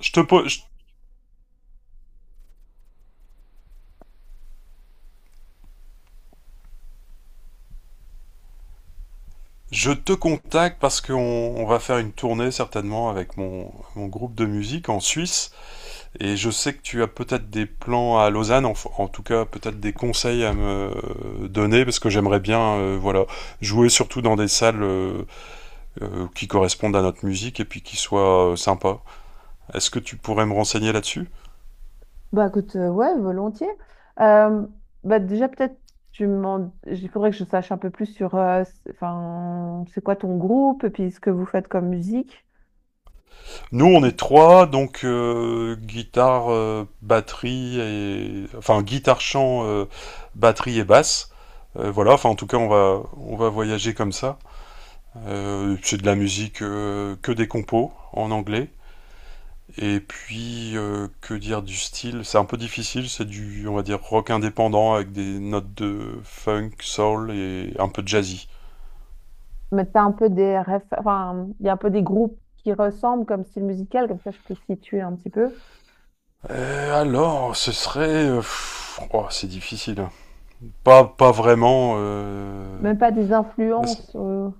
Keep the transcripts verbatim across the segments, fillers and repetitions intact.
Je te, po- je- je te contacte parce qu'on on va faire une tournée certainement avec mon, mon groupe de musique en Suisse, et je sais que tu as peut-être des plans à Lausanne, en, en tout cas peut-être des conseils à me euh, donner parce que j'aimerais bien, euh, voilà, jouer surtout dans des salles euh, euh, qui correspondent à notre musique et puis qui soient euh, sympas. Est-ce que tu pourrais me renseigner là-dessus? Bah écoute, euh, ouais, volontiers. Euh, Bah déjà peut-être tu m'en... Il faudrait que je sache un peu plus sur euh, c'est- enfin, c'est quoi ton groupe et puis ce que vous faites comme musique. Nous, on Puis, est trois, donc euh, guitare, euh, batterie et enfin guitare, chant, euh, batterie et basse. Euh, voilà, enfin en tout cas, on va on va voyager comme ça. Euh, c'est de la musique, euh, que des compos en anglais. Et puis euh, que dire du style? C'est un peu difficile, c'est du, on va dire, rock indépendant avec des notes de funk, soul et un peu de jazzy. Mais t'as un peu des réf- enfin, il y a un peu des groupes qui ressemblent comme style musical, comme ça je peux situer un petit peu. Euh, alors, ce serait euh, pff, oh, c'est difficile. Pas pas vraiment. euh, Même pas des Bah, c'est- influences. euh,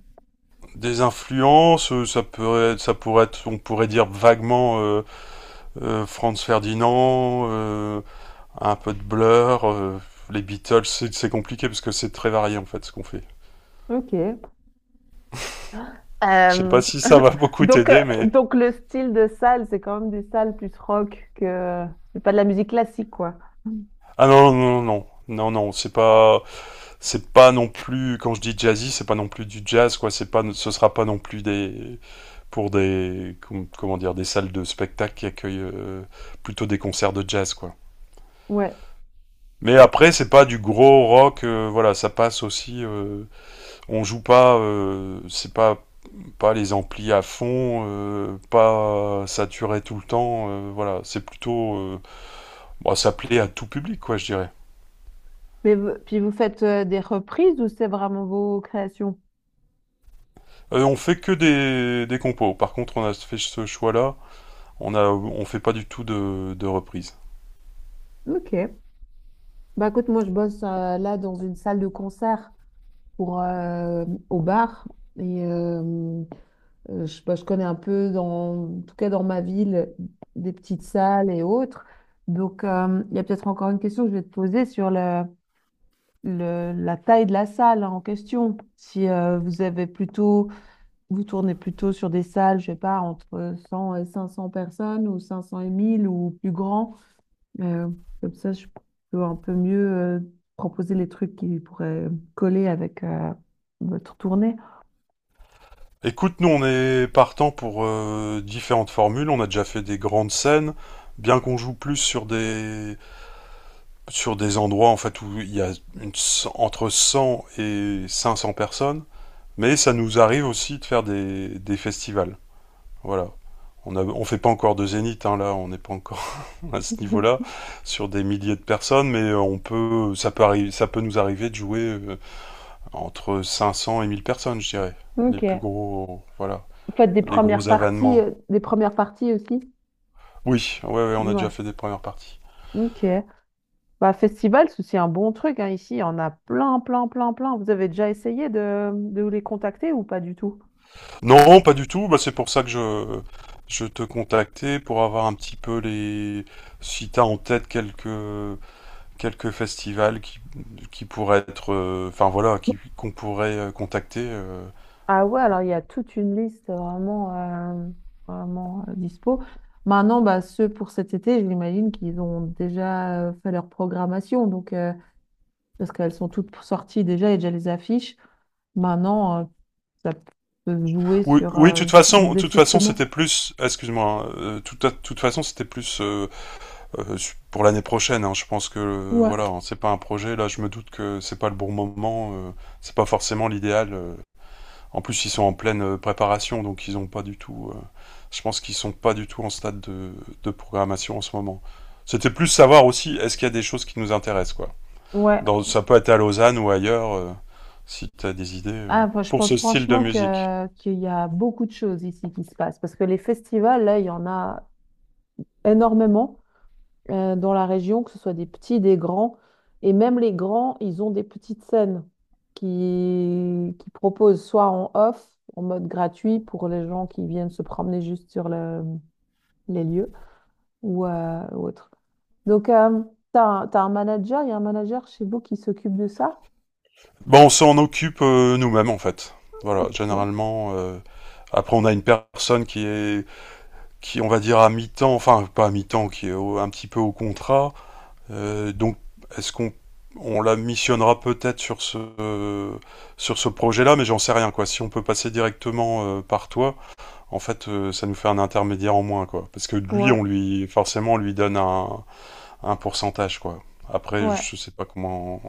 Des influences, euh, ça pourrait, ça pourrait être, on pourrait dire vaguement, euh, euh, Franz Ferdinand, euh, un peu de Blur, euh, les Beatles. C'est c'est compliqué parce que c'est très varié en fait ce qu'on fait. Ok. Je sais Euh, pas si ça va beaucoup Donc, euh, t'aider, mais donc le style de salle, c'est quand même des salles plus rock que c'est pas de la musique classique, quoi. ah non non non non non non, c'est pas c'est pas non plus, quand je dis jazzy, c'est pas non plus du jazz quoi, c'est pas ce sera pas non plus des, pour des com- comment dire, des salles de spectacle qui accueillent euh, plutôt des concerts de jazz quoi. Ouais. Mais après, c'est pas du gros rock, euh, voilà, ça passe aussi. Euh, on joue pas, euh, c'est pas pas les amplis à fond, euh, pas saturé tout le temps, euh, voilà, c'est plutôt, euh, bon, ça plaît à tout public, quoi, je dirais. Mais vous- puis vous faites euh, des reprises ou c'est vraiment vos créations? Euh, on fait que des, des compos. Par contre, on a fait ce choix-là, on a, on fait pas du tout de, de reprises. Ok. Bah écoute, moi je bosse euh, là dans une salle de concert pour euh, au bar et euh, euh, je, bah, je connais un peu dans, en tout cas dans ma ville, des petites salles et autres. Donc euh, il y a peut-être encore une question que je vais te poser sur le, le- la taille de la salle en question. Si euh, vous avez plutôt vous tournez plutôt sur des salles, je sais pas, entre cent et cinq cents personnes ou cinq cents et mille ou plus grand. Euh, comme ça, je peux un peu mieux euh, proposer les trucs qui pourraient coller avec euh, votre tournée. Écoute, nous, on est partant pour euh, différentes formules. On a déjà fait des grandes scènes, bien qu'on joue plus sur des sur des endroits en fait où il y a une- entre cent et cinq cents personnes, mais ça nous arrive aussi de faire des, des festivals. Voilà. On ne on fait pas encore de zénith, hein, là, on n'est pas encore à ce niveau-là, sur des milliers de personnes, mais on peut, ça peut arriver, ça peut nous arriver de jouer, euh, entre cinq cents et mille personnes, je dirais. Les plus Ok. gros, voilà, Faites des les gros premières parties, événements. euh, des premières parties aussi? Oui, ouais, ouais, on a déjà Ouais. fait des premières parties. Ok. Bah, festival, c'est aussi un bon truc, hein. Ici, il y en a plein, plein, plein, plein. Vous avez déjà essayé de, de les contacter ou pas du tout? Non, pas du tout. Bah, c'est pour ça que je, je te contactais pour avoir un petit peu les, si t'as en tête quelques, quelques festivals qui, qui pourraient être, euh, enfin voilà, qui, qu'on pourrait euh, contacter. euh. Ah ouais, alors il y a toute une liste vraiment, euh, vraiment euh, dispo. Maintenant, bah, ceux pour cet été, j'imagine qu'ils ont déjà euh, fait leur programmation, donc, euh, parce qu'elles sont toutes sorties déjà, et déjà les affiches. Maintenant, euh, ça peut se jouer Oui, sur oui, de euh, toute un façon, de toute façon, désistement. c'était plus, excuse-moi, hein, euh, tout à- de toute façon, c'était plus euh, euh, su- pour l'année prochaine, hein. Je pense que, euh, Ouais. voilà, hein, c'est pas un projet. Là, je me doute que c'est pas le bon moment, euh, c'est pas forcément l'idéal. euh. En plus, ils sont en pleine euh, préparation, donc ils ont pas du tout. Euh, je pense qu'ils sont pas du tout en stade de, de programmation en ce moment. C'était plus savoir aussi, est-ce qu'il y a des choses qui nous intéressent, quoi. Ouais. Dans, ça peut être à Lausanne ou ailleurs, euh, si tu as des idées euh, Ah, moi, je pour pense ce style de franchement musique. que, qu'il y a beaucoup de choses ici qui se passent, parce que les festivals, là, il y en a énormément. Euh, dans la région, que ce soit des petits, des grands. Et même les grands, ils ont des petites scènes qui, qui proposent soit en off, en mode gratuit pour les gens qui viennent se promener juste sur le- les lieux ou euh, ou autre. Donc, tu as, un t'as un manager, il y a un manager chez vous qui s'occupe de ça? Bon, on s'en occupe euh, nous-mêmes, en fait. Voilà, Ok, généralement. Euh, après, on a une personne qui est, qui, on va dire, à mi-temps, enfin, pas à mi-temps, qui est au- un petit peu au contrat. Euh, donc, est-ce qu'on on la missionnera peut-être sur ce, euh, sur ce projet-là, mais j'en sais rien quoi. Si on peut passer directement euh, par toi, en fait, euh, ça nous fait un intermédiaire en moins quoi. Parce que lui, ouais, on lui forcément on lui donne un, un pourcentage quoi. Après, ouais. je sais pas comment.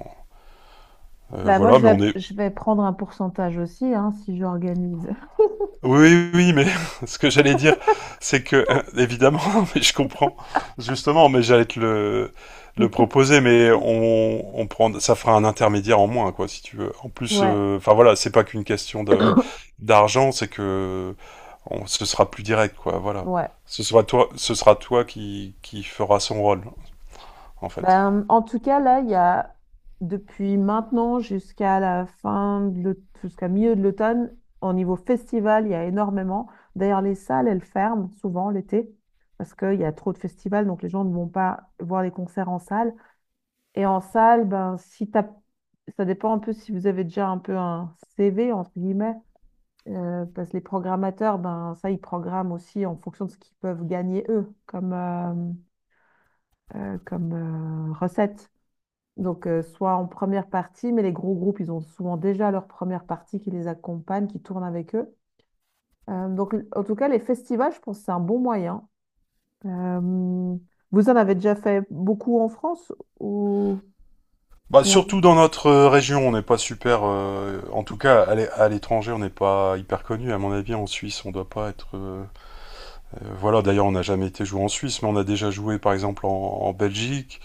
euh, Bah, moi, Voilà, je mais vais, on est, je vais prendre un pourcentage aussi, hein, si j'organise. oui, oui, oui, mais ce que j'allais dire, c'est que, hein, évidemment, mais je comprends, justement, mais j'allais te le, le proposer, mais on, on prend, ça fera un intermédiaire en moins, quoi, si tu veux. En plus, Ouais, euh, enfin voilà, c'est pas qu'une question de d'argent, c'est que on, ce sera plus direct, quoi, voilà. ouais. Ce sera toi, ce sera toi qui, qui fera son rôle, en fait. Ben, en tout cas, là, il y a depuis maintenant jusqu'à la fin, de l'aut- jusqu'à milieu de l'automne, au niveau festival, il y a énormément. D'ailleurs, les salles, elles ferment souvent l'été parce qu'il y a trop de festivals, donc les gens ne vont pas voir les concerts en salle. Et en salle, ben, si t'as... ça dépend un peu si vous avez déjà un peu un C V, entre guillemets, euh, parce que les programmateurs, ben, ça, ils programment aussi en fonction de ce qu'ils peuvent gagner eux comme, euh, euh, comme euh, recette. Donc, euh, soit en première partie, mais les gros groupes, ils ont souvent déjà leur première partie qui les accompagne, qui tourne avec eux. Euh, donc, l- en tout cas, les festivals, je pense que c'est un bon moyen. Euh, Vous en avez déjà fait beaucoup en France ou... Bah, ou en- surtout dans notre, euh, région, on n'est pas super, euh, en tout cas à l'é- à l'étranger, on n'est pas hyper connu. À mon avis, en Suisse, on doit pas être. euh, Euh, voilà, d'ailleurs, on n'a jamais été joué en Suisse, mais on a déjà joué par exemple en, en Belgique,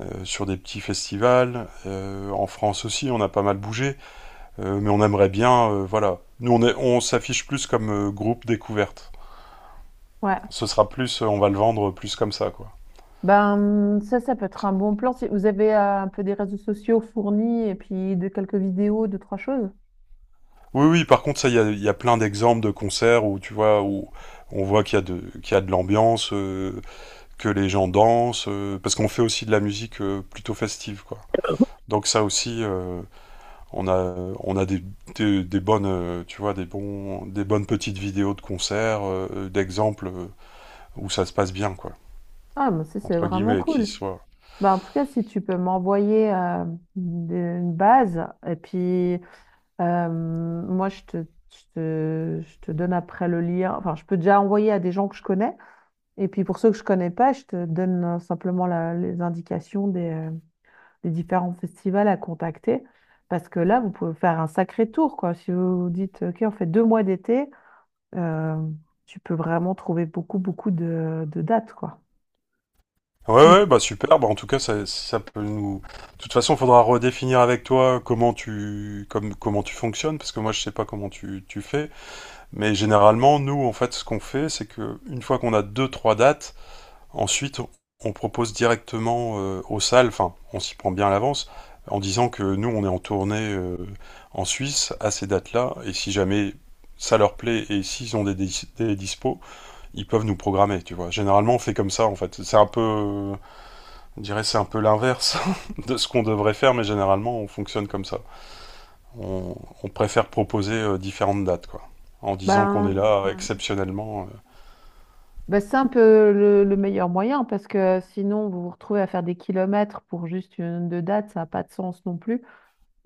euh, sur des petits festivals, euh, en France aussi, on a pas mal bougé, euh, mais on aimerait bien, euh, voilà. Nous, on est- on s'affiche plus comme euh, groupe découverte. Ouais. Ce sera plus, euh, on va le vendre plus comme ça, quoi. Ben, ça, ça peut être un bon plan. Si vous avez euh, un peu des réseaux sociaux fournis et puis de quelques vidéos, deux, trois choses. Oui, oui, par contre, ça, il y a, il y a plein d'exemples de concerts où, tu vois, où on voit qu'il y a de, qu'il y a de l'ambiance, euh, que les gens dansent, euh, parce qu'on fait aussi de la musique, euh, plutôt festive, quoi. Donc ça aussi, euh, On a, on a des, des, des bonnes, euh, tu vois, des bons, des bonnes petites vidéos de concerts, euh, d'exemples, euh, où ça se passe bien, quoi. Ah, mais ça, c'est Entre vraiment guillemets, qui cool. soit. Ben, en tout cas, si tu peux m'envoyer euh, des- une base et puis... Euh, moi, je te, je te, je te donne après le lien. Enfin, je peux déjà envoyer à des gens que je connais. Et puis pour ceux que je connais pas, je te donne euh, simplement la- les indications des, euh, des différents festivals à contacter. Parce que là, vous pouvez faire un sacré tour, quoi. Si vous vous dites, OK, on fait deux mois d'été, euh, tu peux vraiment trouver beaucoup, beaucoup de, de dates, quoi. Ouais, ouais, bah Il- super. Bah en tout cas, ça, ça peut nous. De toute façon, faudra redéfinir avec toi comment tu, comme, comment tu fonctionnes, parce que moi, je sais pas comment tu, tu fais. Mais généralement, nous, en fait, ce qu'on fait, c'est que une fois qu'on a deux, trois dates, ensuite, on propose directement euh, aux salles, enfin, on s'y prend bien à l'avance, en disant que nous, on est en tournée euh, en Suisse à ces dates-là, et si jamais ça leur plaît et s'ils ont des, dis- des dispos, ils peuvent nous programmer, tu vois. Généralement, on fait comme ça, en fait. C'est un peu, euh, je dirais, c'est un peu l'inverse de ce qu'on devrait faire, mais généralement, on fonctionne comme ça. On, on préfère proposer euh, différentes dates, quoi, en disant qu'on est ben, là euh, exceptionnellement. euh. Bah, c'est un peu le, le meilleur moyen parce que sinon vous vous retrouvez à faire des kilomètres pour juste une deux dates, ça n'a pas de sens non plus.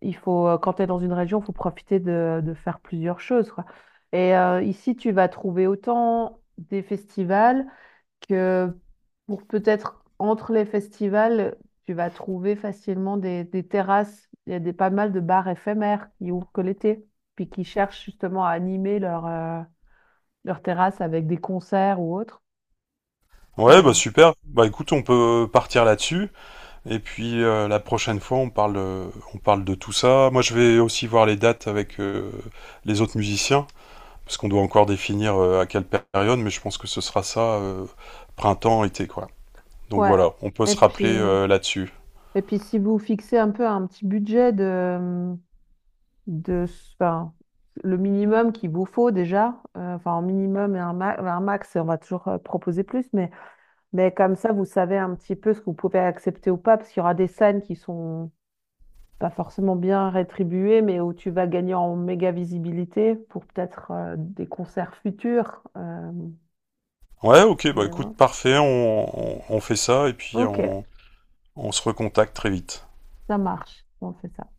Il faut, euh, quand tu es dans une région, il faut profiter de, de faire plusieurs choses, quoi. Et euh, ici, tu vas trouver autant des festivals que pour peut-être entre les festivals, tu vas trouver facilement des, des terrasses. Il y a des, pas mal de bars éphémères qui ouvrent que l'été, puis qui cherchent justement à animer leur, euh, leur terrasse avec des concerts ou autres. Ouais, Euh, bah super. Bah écoute, on peut partir là-dessus. Et puis euh, la prochaine fois, on parle, euh, on parle de tout ça. Moi, je vais aussi voir les dates avec euh, les autres musiciens, parce qu'on doit encore définir euh, à quelle période, mais je pense que ce sera ça, euh, printemps, été, quoi. Donc Ouais. voilà, on peut Et se puis, rappeler euh, euh, là-dessus. et puis si vous fixez un peu un petit budget de, de, enfin, le minimum qu'il vous faut déjà, euh, enfin un minimum et un, ma- un max, on va toujours euh, proposer plus, mais, mais comme ça, vous savez un petit peu ce que vous pouvez accepter ou pas, parce qu'il y aura des scènes qui sont pas forcément bien rétribuées, mais où tu vas gagner en méga visibilité pour peut-être euh, des concerts futurs. euh, Ouais, ok, bah Ouais, écoute, ouais. parfait, on, on, on fait ça, et puis Ok, on, on se recontacte très vite. ça marche. On fait ça.